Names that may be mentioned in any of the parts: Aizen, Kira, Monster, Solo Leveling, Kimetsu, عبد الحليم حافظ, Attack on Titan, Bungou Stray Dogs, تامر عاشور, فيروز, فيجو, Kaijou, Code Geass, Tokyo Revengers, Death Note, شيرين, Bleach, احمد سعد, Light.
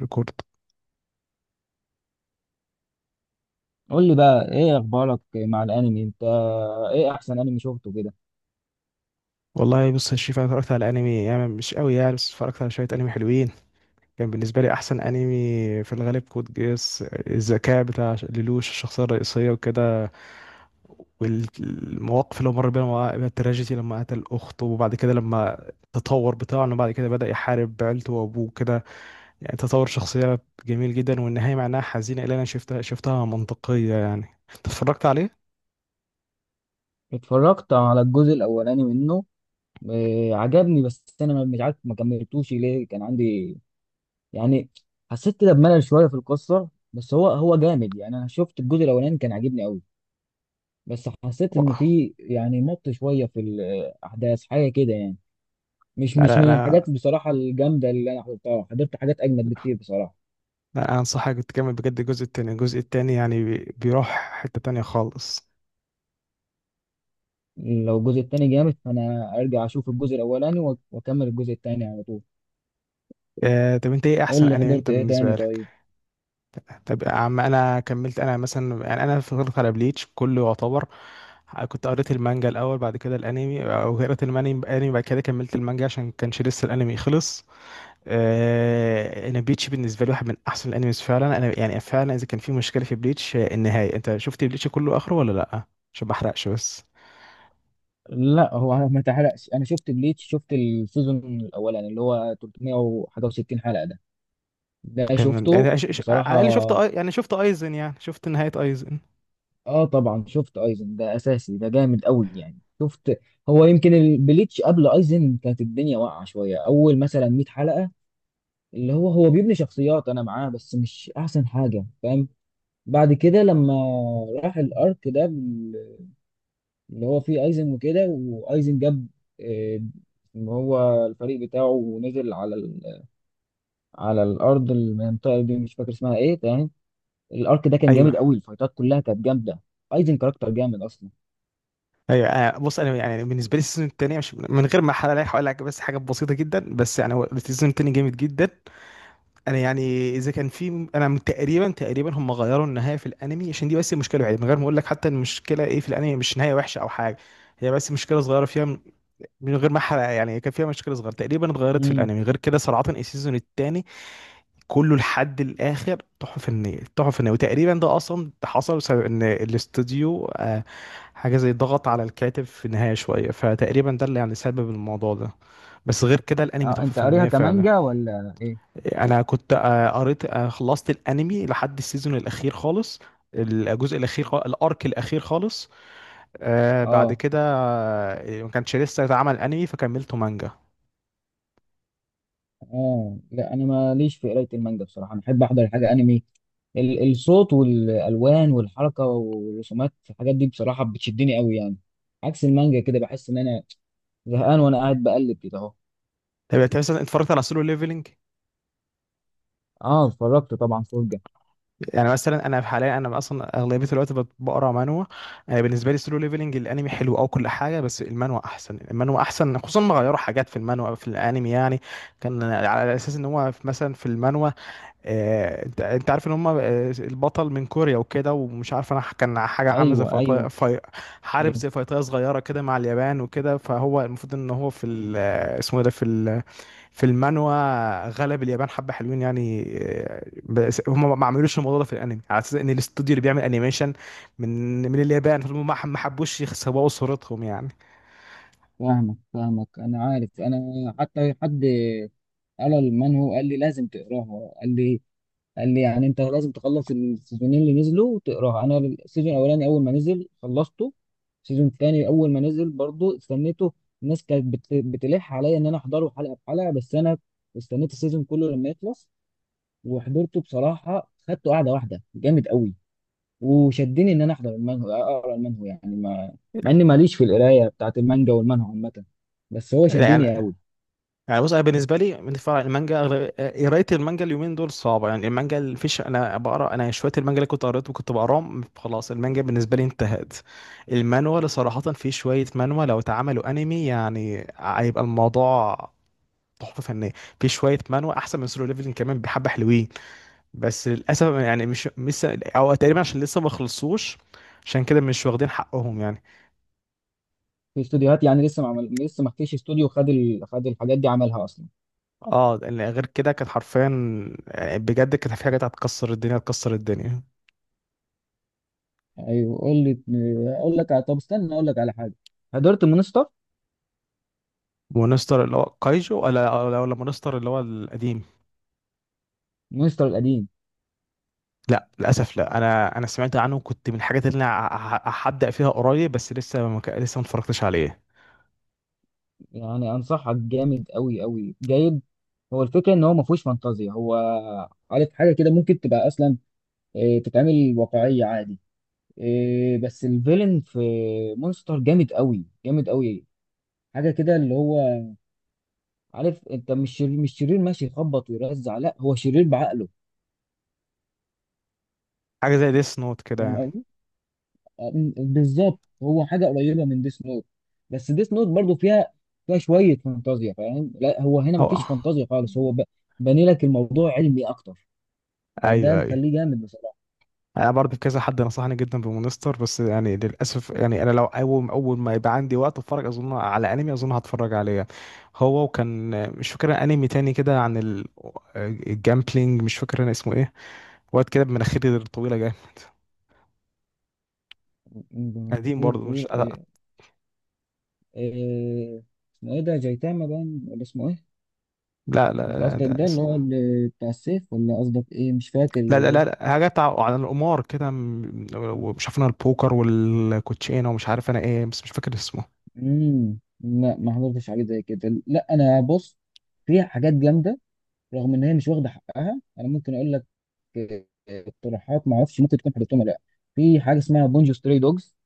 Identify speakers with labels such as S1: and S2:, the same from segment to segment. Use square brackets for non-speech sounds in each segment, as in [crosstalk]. S1: ريكورد.
S2: قول لي بقى ايه اخبارك مع الانمي انت؟ ايه احسن انمي شفته كده؟
S1: والله، بص يا شريف، انا اتفرجت على انمي يعني مش قوي يعني، بس اتفرجت على شويه انمي حلوين. كان بالنسبه لي احسن انمي في الغالب كود جيس، الذكاء بتاع ليلوش الشخصيه الرئيسيه وكده. والمواقف اللي هو مر بيها بيها التراجيدي، لما قتل اخته وبعد كده لما التطور بتاعه انه بعد كده بدأ يحارب عيلته وابوه كده. يعني تطور شخصيه جميل جدا، والنهايه معناها حزينه، اللي انا شفتها منطقيه يعني. أنت اتفرجت عليه؟
S2: اتفرجت على الجزء الاولاني منه. إيه، عجبني، بس انا مش عارف ما كملتوش ليه، كان عندي يعني حسيت كده بملل شويه في القصه، بس هو جامد يعني. انا شفت الجزء الاولاني كان عاجبني قوي، بس حسيت ان في يعني مط شويه في الاحداث حاجه كده يعني. مش
S1: لا،
S2: مش
S1: لا،
S2: من
S1: انا
S2: الحاجات بصراحه الجامده اللي انا حضرتها، حضرت حاجات اجمد بكتير بصراحه.
S1: لا انصحك، تكمل بجد الجزء التاني يعني بيروح حتة تانية خالص.
S2: لو الجزء التاني جامد فانا ارجع اشوف الجزء الاولاني واكمل الجزء التاني على طول.
S1: آه، طب انت ايه احسن
S2: قول لي
S1: انمي انت
S2: حضرت ايه
S1: بالنسبة
S2: تاني
S1: لك؟
S2: طيب؟
S1: طب يا عم، انا كملت انا مثلا يعني انا فضلت على بليتش كله يعتبر. كنت قريت المانجا الاول، بعد كده الانمي، او قريت الانمي، بعد كده كملت المانجا عشان كانش لسه الانمي خلص. آه، انا بليتش بالنسبة لي واحد من احسن الانميز فعلا، انا يعني فعلا اذا كان في مشكلة في بليتش. النهاية، انت شفت بليتش كله اخره ولا لا؟ عشان ما احرقش بس.
S2: لا هو ما تحرقش. انا شفت بليتش، شفت السيزون الاولاني اللي هو 300 وحاجه و60 حلقه ده، ده
S1: تمام،
S2: شفته
S1: يعني على
S2: بصراحه.
S1: الاقل شفت يعني شفت ايزن، يعني شفت نهايه ايزن.
S2: اه طبعا شفت ايزن، ده اساسي، ده جامد قوي يعني شفت. هو يمكن البليتش قبل ايزن كانت الدنيا واقعه شويه، اول مثلا 100 حلقه، اللي هو بيبني شخصيات، انا معاه بس مش احسن حاجه، فاهم؟ بعد كده لما راح الارك ده اللي هو فيه ايزن وكده، وايزن جاب آه، اللي هو الفريق بتاعه ونزل على على الارض، المنطقه دي مش فاكر اسمها ايه، تمام. الارك ده كان جامد
S1: ايوه،
S2: قوي، الفايتات كلها كانت جامده. ايزن كاركتر جامد اصلا.
S1: ايوه. بص، انا يعني بالنسبه لي السيزون الثاني، مش من غير ما احرق عليك هقول لك بس حاجه بسيطه جدا، بس يعني هو السيزون الثاني جامد جدا. انا يعني اذا كان في، انا من تقريبا تقريبا هم غيروا النهايه في الانمي، عشان دي بس المشكله الوحيده. من غير ما اقول لك حتى المشكله ايه في الانمي، مش نهايه وحشه او حاجه. هي بس مشكله صغيره فيها، من غير ما احرق، يعني كان فيها مشكله صغيره تقريبا اتغيرت في
S2: امم
S1: الانمي. غير كده صراحه السيزون الثاني كله لحد الاخر تحفه فنيه، تحفه فنيه. وتقريبا ده اصلا ده حصل بسبب ان الاستوديو حاجه زي ضغط على الكاتب في النهايه شويه، فتقريبا ده اللي يعني سبب الموضوع ده. بس غير كده الانمي
S2: اه
S1: تحفه
S2: انت قاريها
S1: فنيه فعلا.
S2: كمانجا ولا ايه؟
S1: انا كنت قريت خلصت الانمي لحد السيزون الاخير خالص، الجزء الاخير خالص، الارك الاخير خالص. بعد
S2: اه،
S1: كده ما كانش لسه اتعمل انمي فكملته مانجا.
S2: اه لا، انا ماليش في قرايه المانجا بصراحه، انا احب احضر حاجه انمي. الصوت والالوان والحركه والرسومات، الحاجات دي بصراحه بتشدني قوي يعني. عكس المانجا كده، بحس ان انا زهقان وانا قاعد بقلب كده اهو.
S1: طب انت مثلا اتفرجت على سولو ليفلنج؟
S2: اه اتفرجت طبعا، فرجه.
S1: يعني مثلا انا في حاليا، انا اصلا اغلبيه الوقت بقرا مانوا. انا بالنسبه لي سولو ليفلنج الانمي حلو او كل حاجه، بس المانوا احسن، المانوا احسن، خصوصا ما غيروا حاجات في المانوا في الانمي يعني. كان على اساس ان هو مثلا في المانوا، انت عارف ان هم، البطل من كوريا وكده، ومش عارف انا كان حاجه عامله زي
S2: ايوه
S1: فيطايه
S2: ايوه.
S1: في، حارب
S2: ايوه
S1: زي فيطايه صغيره كده مع اليابان وكده، فهو المفروض ان هو في اسمه إيه ده في المانوا غلب اليابان حبة حلوين يعني. بس هم ما عملوش الموضوع ده في الانمي، على اساس ان الاستوديو اللي بيعمل انيميشن من اليابان، فهم ما حبوش يسوقوا صورتهم يعني.
S2: فاهمك انا عارف. انا حتى حد قال للمان، هو قال لي لازم تقراها، قال لي، قال لي يعني انت لازم تخلص السيزونين اللي نزلوا وتقراها. انا السيزون الاولاني اول ما نزل خلصته، السيزون الثاني اول ما نزل برضو استنيته. الناس كانت بتلح عليا ان انا احضره حلقه بحلقه، بس انا استنيت السيزون كله لما يخلص وحضرته بصراحه، خدته قاعده واحده جامد قوي. وشدني ان انا احضر المانهو، اقرا المانهو يعني ما مع اني ماليش في القرايه بتاعت المانجا والمانهو عامه، بس هو
S1: لا،
S2: شدني
S1: يعني
S2: قوي.
S1: يعني بص، انا بالنسبه لي من فرع المانجا، قرايه المانجا اليومين دول صعبه، يعني المانجا اللي فيش انا بقرا انا شويه، المانجا اللي كنت قريته وكنت بقراهم خلاص، المانجا بالنسبه لي انتهت. المانوا اللي صراحه، في شويه مانوا لو اتعملوا انمي يعني هيبقى الموضوع تحفه فنيه. في شويه مانوا احسن من سولو ليفلنج كمان، بحبه حلوين. بس للاسف يعني مش لسه، او تقريبا عشان لسه ما خلصوش، عشان كده مش واخدين حقهم يعني.
S2: في استوديوهات يعني لسه ما عمل... لسه ما فيش استوديو خد خد الحاجات دي عملها اصلا.
S1: اه، لأن غير كده كانت حرفيا، بجد كانت في حاجات هتكسر الدنيا، هتكسر الدنيا.
S2: ايوه قول لي. اقول لك طب استنى اقول لك على حاجه، حضرت مونستر؟
S1: مونستر اللي هو كايجو، ولا مونستر اللي هو القديم؟
S2: مونستر القديم.
S1: لا، للاسف لا، انا سمعت عنه، كنت من الحاجات اللي انا هبدا فيها قريب، بس لسه ما اتفرجتش عليه.
S2: يعني انصحك، جامد قوي قوي جيد. هو الفكره ان هو ما فيهوش فانتازيا، هو عارف حاجه كده ممكن تبقى اصلا تتعمل واقعيه عادي. بس الفيلن في مونستر جامد قوي جامد قوي. حاجه كده اللي هو، عارف، انت مش شرير ماشي يخبط ويرزع، لا هو شرير بعقله،
S1: حاجه زي ديس نوت كده يعني.
S2: فاهم؟ بالظبط هو حاجه قريبه من ديس نوت، بس ديس نوت برضو فيها، فيها شويه فانتازيا، فاهم؟ لا هو هنا
S1: هو
S2: مفيش فانتازيا خالص، هو باني لك الموضوع علمي اكتر، فده
S1: ايوه، ايوه.
S2: مخليه جامد بصراحه.
S1: انا برضه كذا حد نصحني جدا بمونستر، بس يعني للاسف يعني انا لو اول ما يبقى عندي وقت اتفرج اظن على انمي، اظن هتفرج عليه هو. وكان مش فاكر انمي تاني كده عن الجامبلينج، مش فاكر انا اسمه ايه، واد كده بمناخير الطويله جاي، قديم
S2: خير
S1: برضه. مش،
S2: تقول
S1: لا.
S2: إيه- اسمه ايه ده، جايتاما باين ولا اسمه ايه؟
S1: لا،
S2: مش
S1: لا،
S2: قصدك
S1: لا،
S2: ده اللي هو اللي بتاع السيف، ولا قصدك ايه، مش فاكر.
S1: لا، لا، لا، لا، حاجه بتاع عن القمار كده، ومش عارف انا البوكر والكوتشينه ومش عارف انا ايه، بس مش فاكر اسمه.
S2: لا ما حضرتش حاجه زي كده، لا. انا بص، في حاجات جامده رغم ان هي مش واخده حقها، انا ممكن اقول لك اقتراحات، ما اعرفش ممكن تكون حضرتهم ولا لا. في حاجه اسمها بونجو ستري دوجز،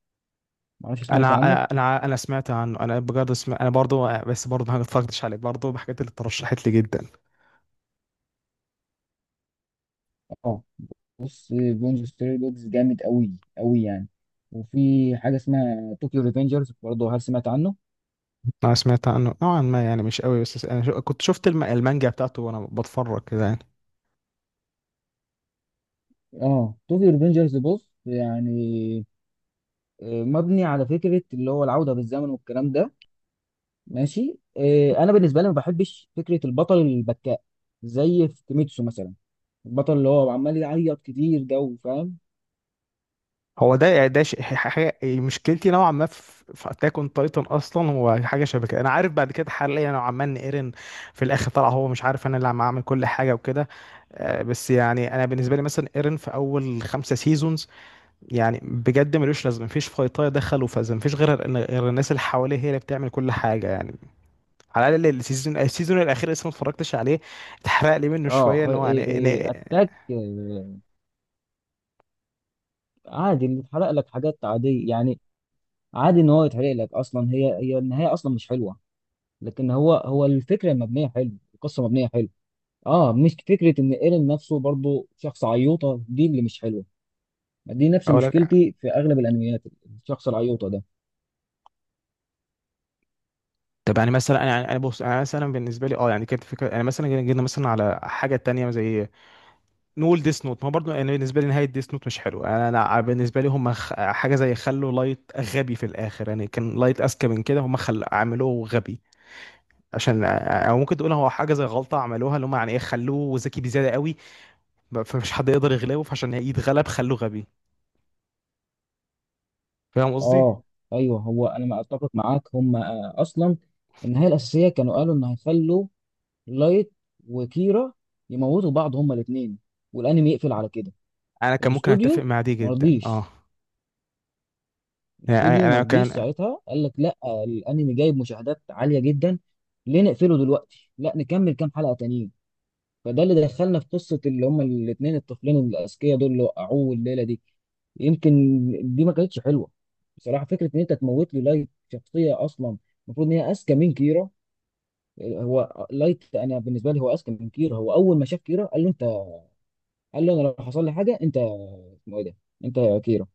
S2: ما اعرفش سمعت
S1: انا
S2: عنه.
S1: انا انا أنا سمعت عنه، انا بجد سمعت، انا برضو، بس برضو ما اتفرجتش عليه، برضو بحاجات اللي اترشحت لي جدا.
S2: اه بص بونجو ستري دوجز جامد قوي قوي يعني. وفي حاجه اسمها طوكيو ريفنجرز برضه، هل سمعت عنه؟
S1: انا سمعت عنه نوعا ما، يعني مش قوي، بس انا كنت شفت المانجا بتاعته وانا بتفرج كده يعني.
S2: اه طوكيو ريفنجرز بص يعني مبني على فكره اللي هو العوده بالزمن والكلام ده ماشي. انا بالنسبه لي ما بحبش فكره البطل البكاء، زي في كيميتسو مثلا، البطل اللي هو عمال يعيط كتير ده، فاهم؟
S1: هو ده حاجه مشكلتي نوعا ما في اتاك اون تايتن. اصلا هو حاجه شبه كده، انا عارف بعد كده حاليا نوعا ما ان ايرين في الاخر طلع هو مش عارف انا اللي عم اعمل كل حاجه وكده. بس يعني انا بالنسبه لي مثلا ايرين في اول خمسه سيزونز يعني بجد ملوش لازمه، مفيش فايطايه دخلوا فاز، مفيش غير الناس اللي حواليه هي اللي بتعمل كل حاجه يعني. على الاقل السيزون الاخير لسه ما اتفرجتش عليه، اتحرق لي منه
S2: اه،
S1: شويه ان هو
S2: اتاك عادي، اللي اتحرق لك حاجات عادية يعني، عادي ان هو يتحرق لك. اصلا هي النهاية اصلا مش حلوة، لكن هو الفكرة المبنية حلو، القصة مبنية حلو. اه مش فكرة، ان ايرين نفسه برضو شخص عيوطة، دي اللي مش حلوة، دي نفس
S1: اقول لك.
S2: مشكلتي في اغلب الانميات، الشخص العيوطة ده.
S1: طب يعني مثلا انا يعني انا بص، انا مثلا بالنسبه لي اه يعني كانت فكره، يعني مثلا جينا مثلا على حاجه تانية زي نقول ديس نوت ما برضه، يعني بالنسبه لي نهايه ديس نوت مش حلو، أنا بالنسبه لي هم حاجه زي خلوا لايت غبي في الاخر، يعني كان لايت اذكى من كده، هم خل عملوه غبي عشان او ممكن تقول هو حاجه زي غلطه عملوها، اللي هم يعني ايه، خلوه ذكي بزياده قوي فمش حد يقدر يغلبه، فعشان يتغلب خلوه غبي. فاهم قصدي؟
S2: اه ايوه هو انا ما اتفق معاك. هم اصلا النهاية الاساسية كانوا قالوا ان هيخلوا لايت وكيرا يموتوا بعض هما الاثنين، والانمي يقفل على كده.
S1: انا كان ممكن اتفق
S2: الاستوديو
S1: مع دي جدا، اه.
S2: مرضيش،
S1: يعني
S2: الاستوديو
S1: انا
S2: مرضيش
S1: كان،
S2: ساعتها، قال لك لا، الانمي جايب مشاهدات عاليه جدا، ليه نقفله دلوقتي، لا نكمل كام حلقه تانيين. فده اللي دخلنا في قصه اللي هما الاثنين الطفلين الاذكياء دول اللي وقعوه الليله دي. يمكن دي ما كانتش حلوه بصراحه، فكره ان انت تموت لي لايت شخصيه اصلا المفروض ان هي اذكى من كيرا. هو لايت انا بالنسبه لي هو اذكى من كيرا، هو اول ما شاف كيرا قال له انت، قال له انا لو حصل لي حاجه انت اسمه ايه ده، انت يا كيرا،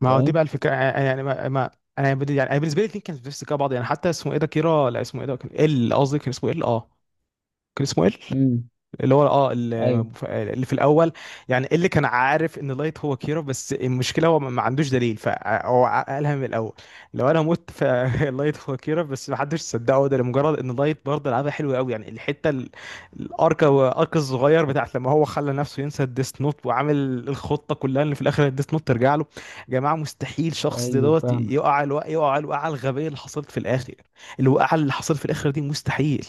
S1: ما هو دي بقى
S2: فاهم؟
S1: الفكره، يعني ما انا بدي يعني أنا بالنسبه لي الاثنين كانوا في نفس السكه بعض، يعني حتى اسمه ايه ده كيرا، لا اسمه ايه ده كان ال، قصدي كان اسمه ال، اه، كان اسمه ال،
S2: امم
S1: اللي هو اه، اللي
S2: ايوه
S1: اللي في الاول. يعني إيه اللي كان عارف ان لايت هو كيرا، بس المشكله هو ما عندوش دليل، فهو قالها من الاول، لو انا مت فلايت [laughs] هو كيرا. بس ما حدش صدقه ده لمجرد ان لايت برضه لعبها حلوه قوي، يعني الحته الارك الصغير بتاعت لما هو خلى نفسه ينسى الديس نوت وعامل الخطه كلها ان في الاخر الديس نوت ترجع له. يا جماعه مستحيل شخص زي
S2: ايوه
S1: دوت
S2: فاهمك.
S1: يقع الوقع، يقع الوقعه الغبيه اللي حصلت في الاخر. الوقعه اللي حصلت في الاخر دي مستحيل.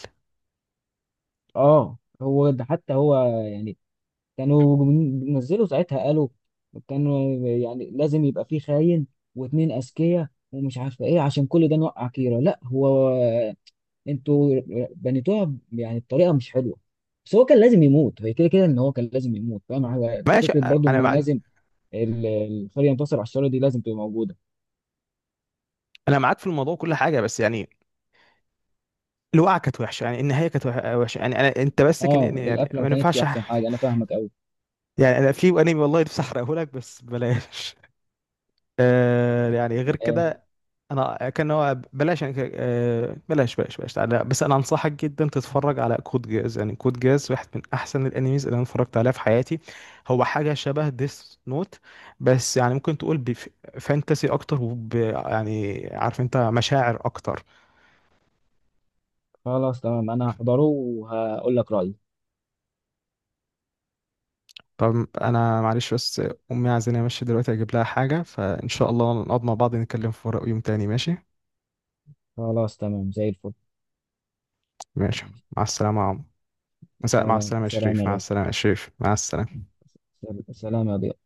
S2: اه هو ده حتى هو يعني كانوا بينزلوا ساعتها، قالوا كانوا يعني لازم يبقى فيه خاين واتنين اذكياء ومش عارفه ايه عشان كل ده نوقع كيرة، لا هو انتوا بنيتوها يعني بطريقه مش حلوه. بس هو كان لازم يموت، هي كده كده ان هو كان لازم يموت، فاهم؟ هو
S1: ماشي.
S2: فكره برضو
S1: انا
S2: ان
S1: ما،
S2: لازم ال- الخير ينتصر على الشر، دي لازم تبقى موجوده.
S1: انا معاك في الموضوع كل حاجه، بس يعني الوقعه كانت وحشه يعني، النهايه كانت وحشه يعني، انا انت بس كان
S2: اه
S1: يعني
S2: القفله
S1: ما
S2: ما كانتش
S1: ينفعش
S2: احسن حاجه، انا فاهمك قوي.
S1: يعني انا في انمي والله نفسي احرقه لك، بس بلاش. [laughs] يعني غير
S2: آه،
S1: كده، انا كان هو بلاش يعني بلاش، بلاش، بلاش، تعالى بس انا انصحك جدا تتفرج على كود جاز، يعني كود جاز واحد من احسن الانميز اللي انا اتفرجت عليها في حياتي. هو حاجه شبه ديس نوت، بس يعني ممكن تقول بفانتسي اكتر وب يعني عارف انت مشاعر اكتر.
S2: خلاص تمام انا هحضره وهقول لك رايي.
S1: طب انا معلش بس، امي عايزاني امشي دلوقتي اجيب لها حاجه، فان شاء الله نقعد مع بعض نتكلم في ورق يوم تاني، ماشي؟
S2: خلاص تمام زي الفل.
S1: ماشي. مع السلامه يا عم. مساء. مع
S2: سلام
S1: السلامه يا
S2: سلام
S1: شريف، مع
S2: يا
S1: السلامه يا شريف، مع السلامه.
S2: غالي، سلام يا ضياء.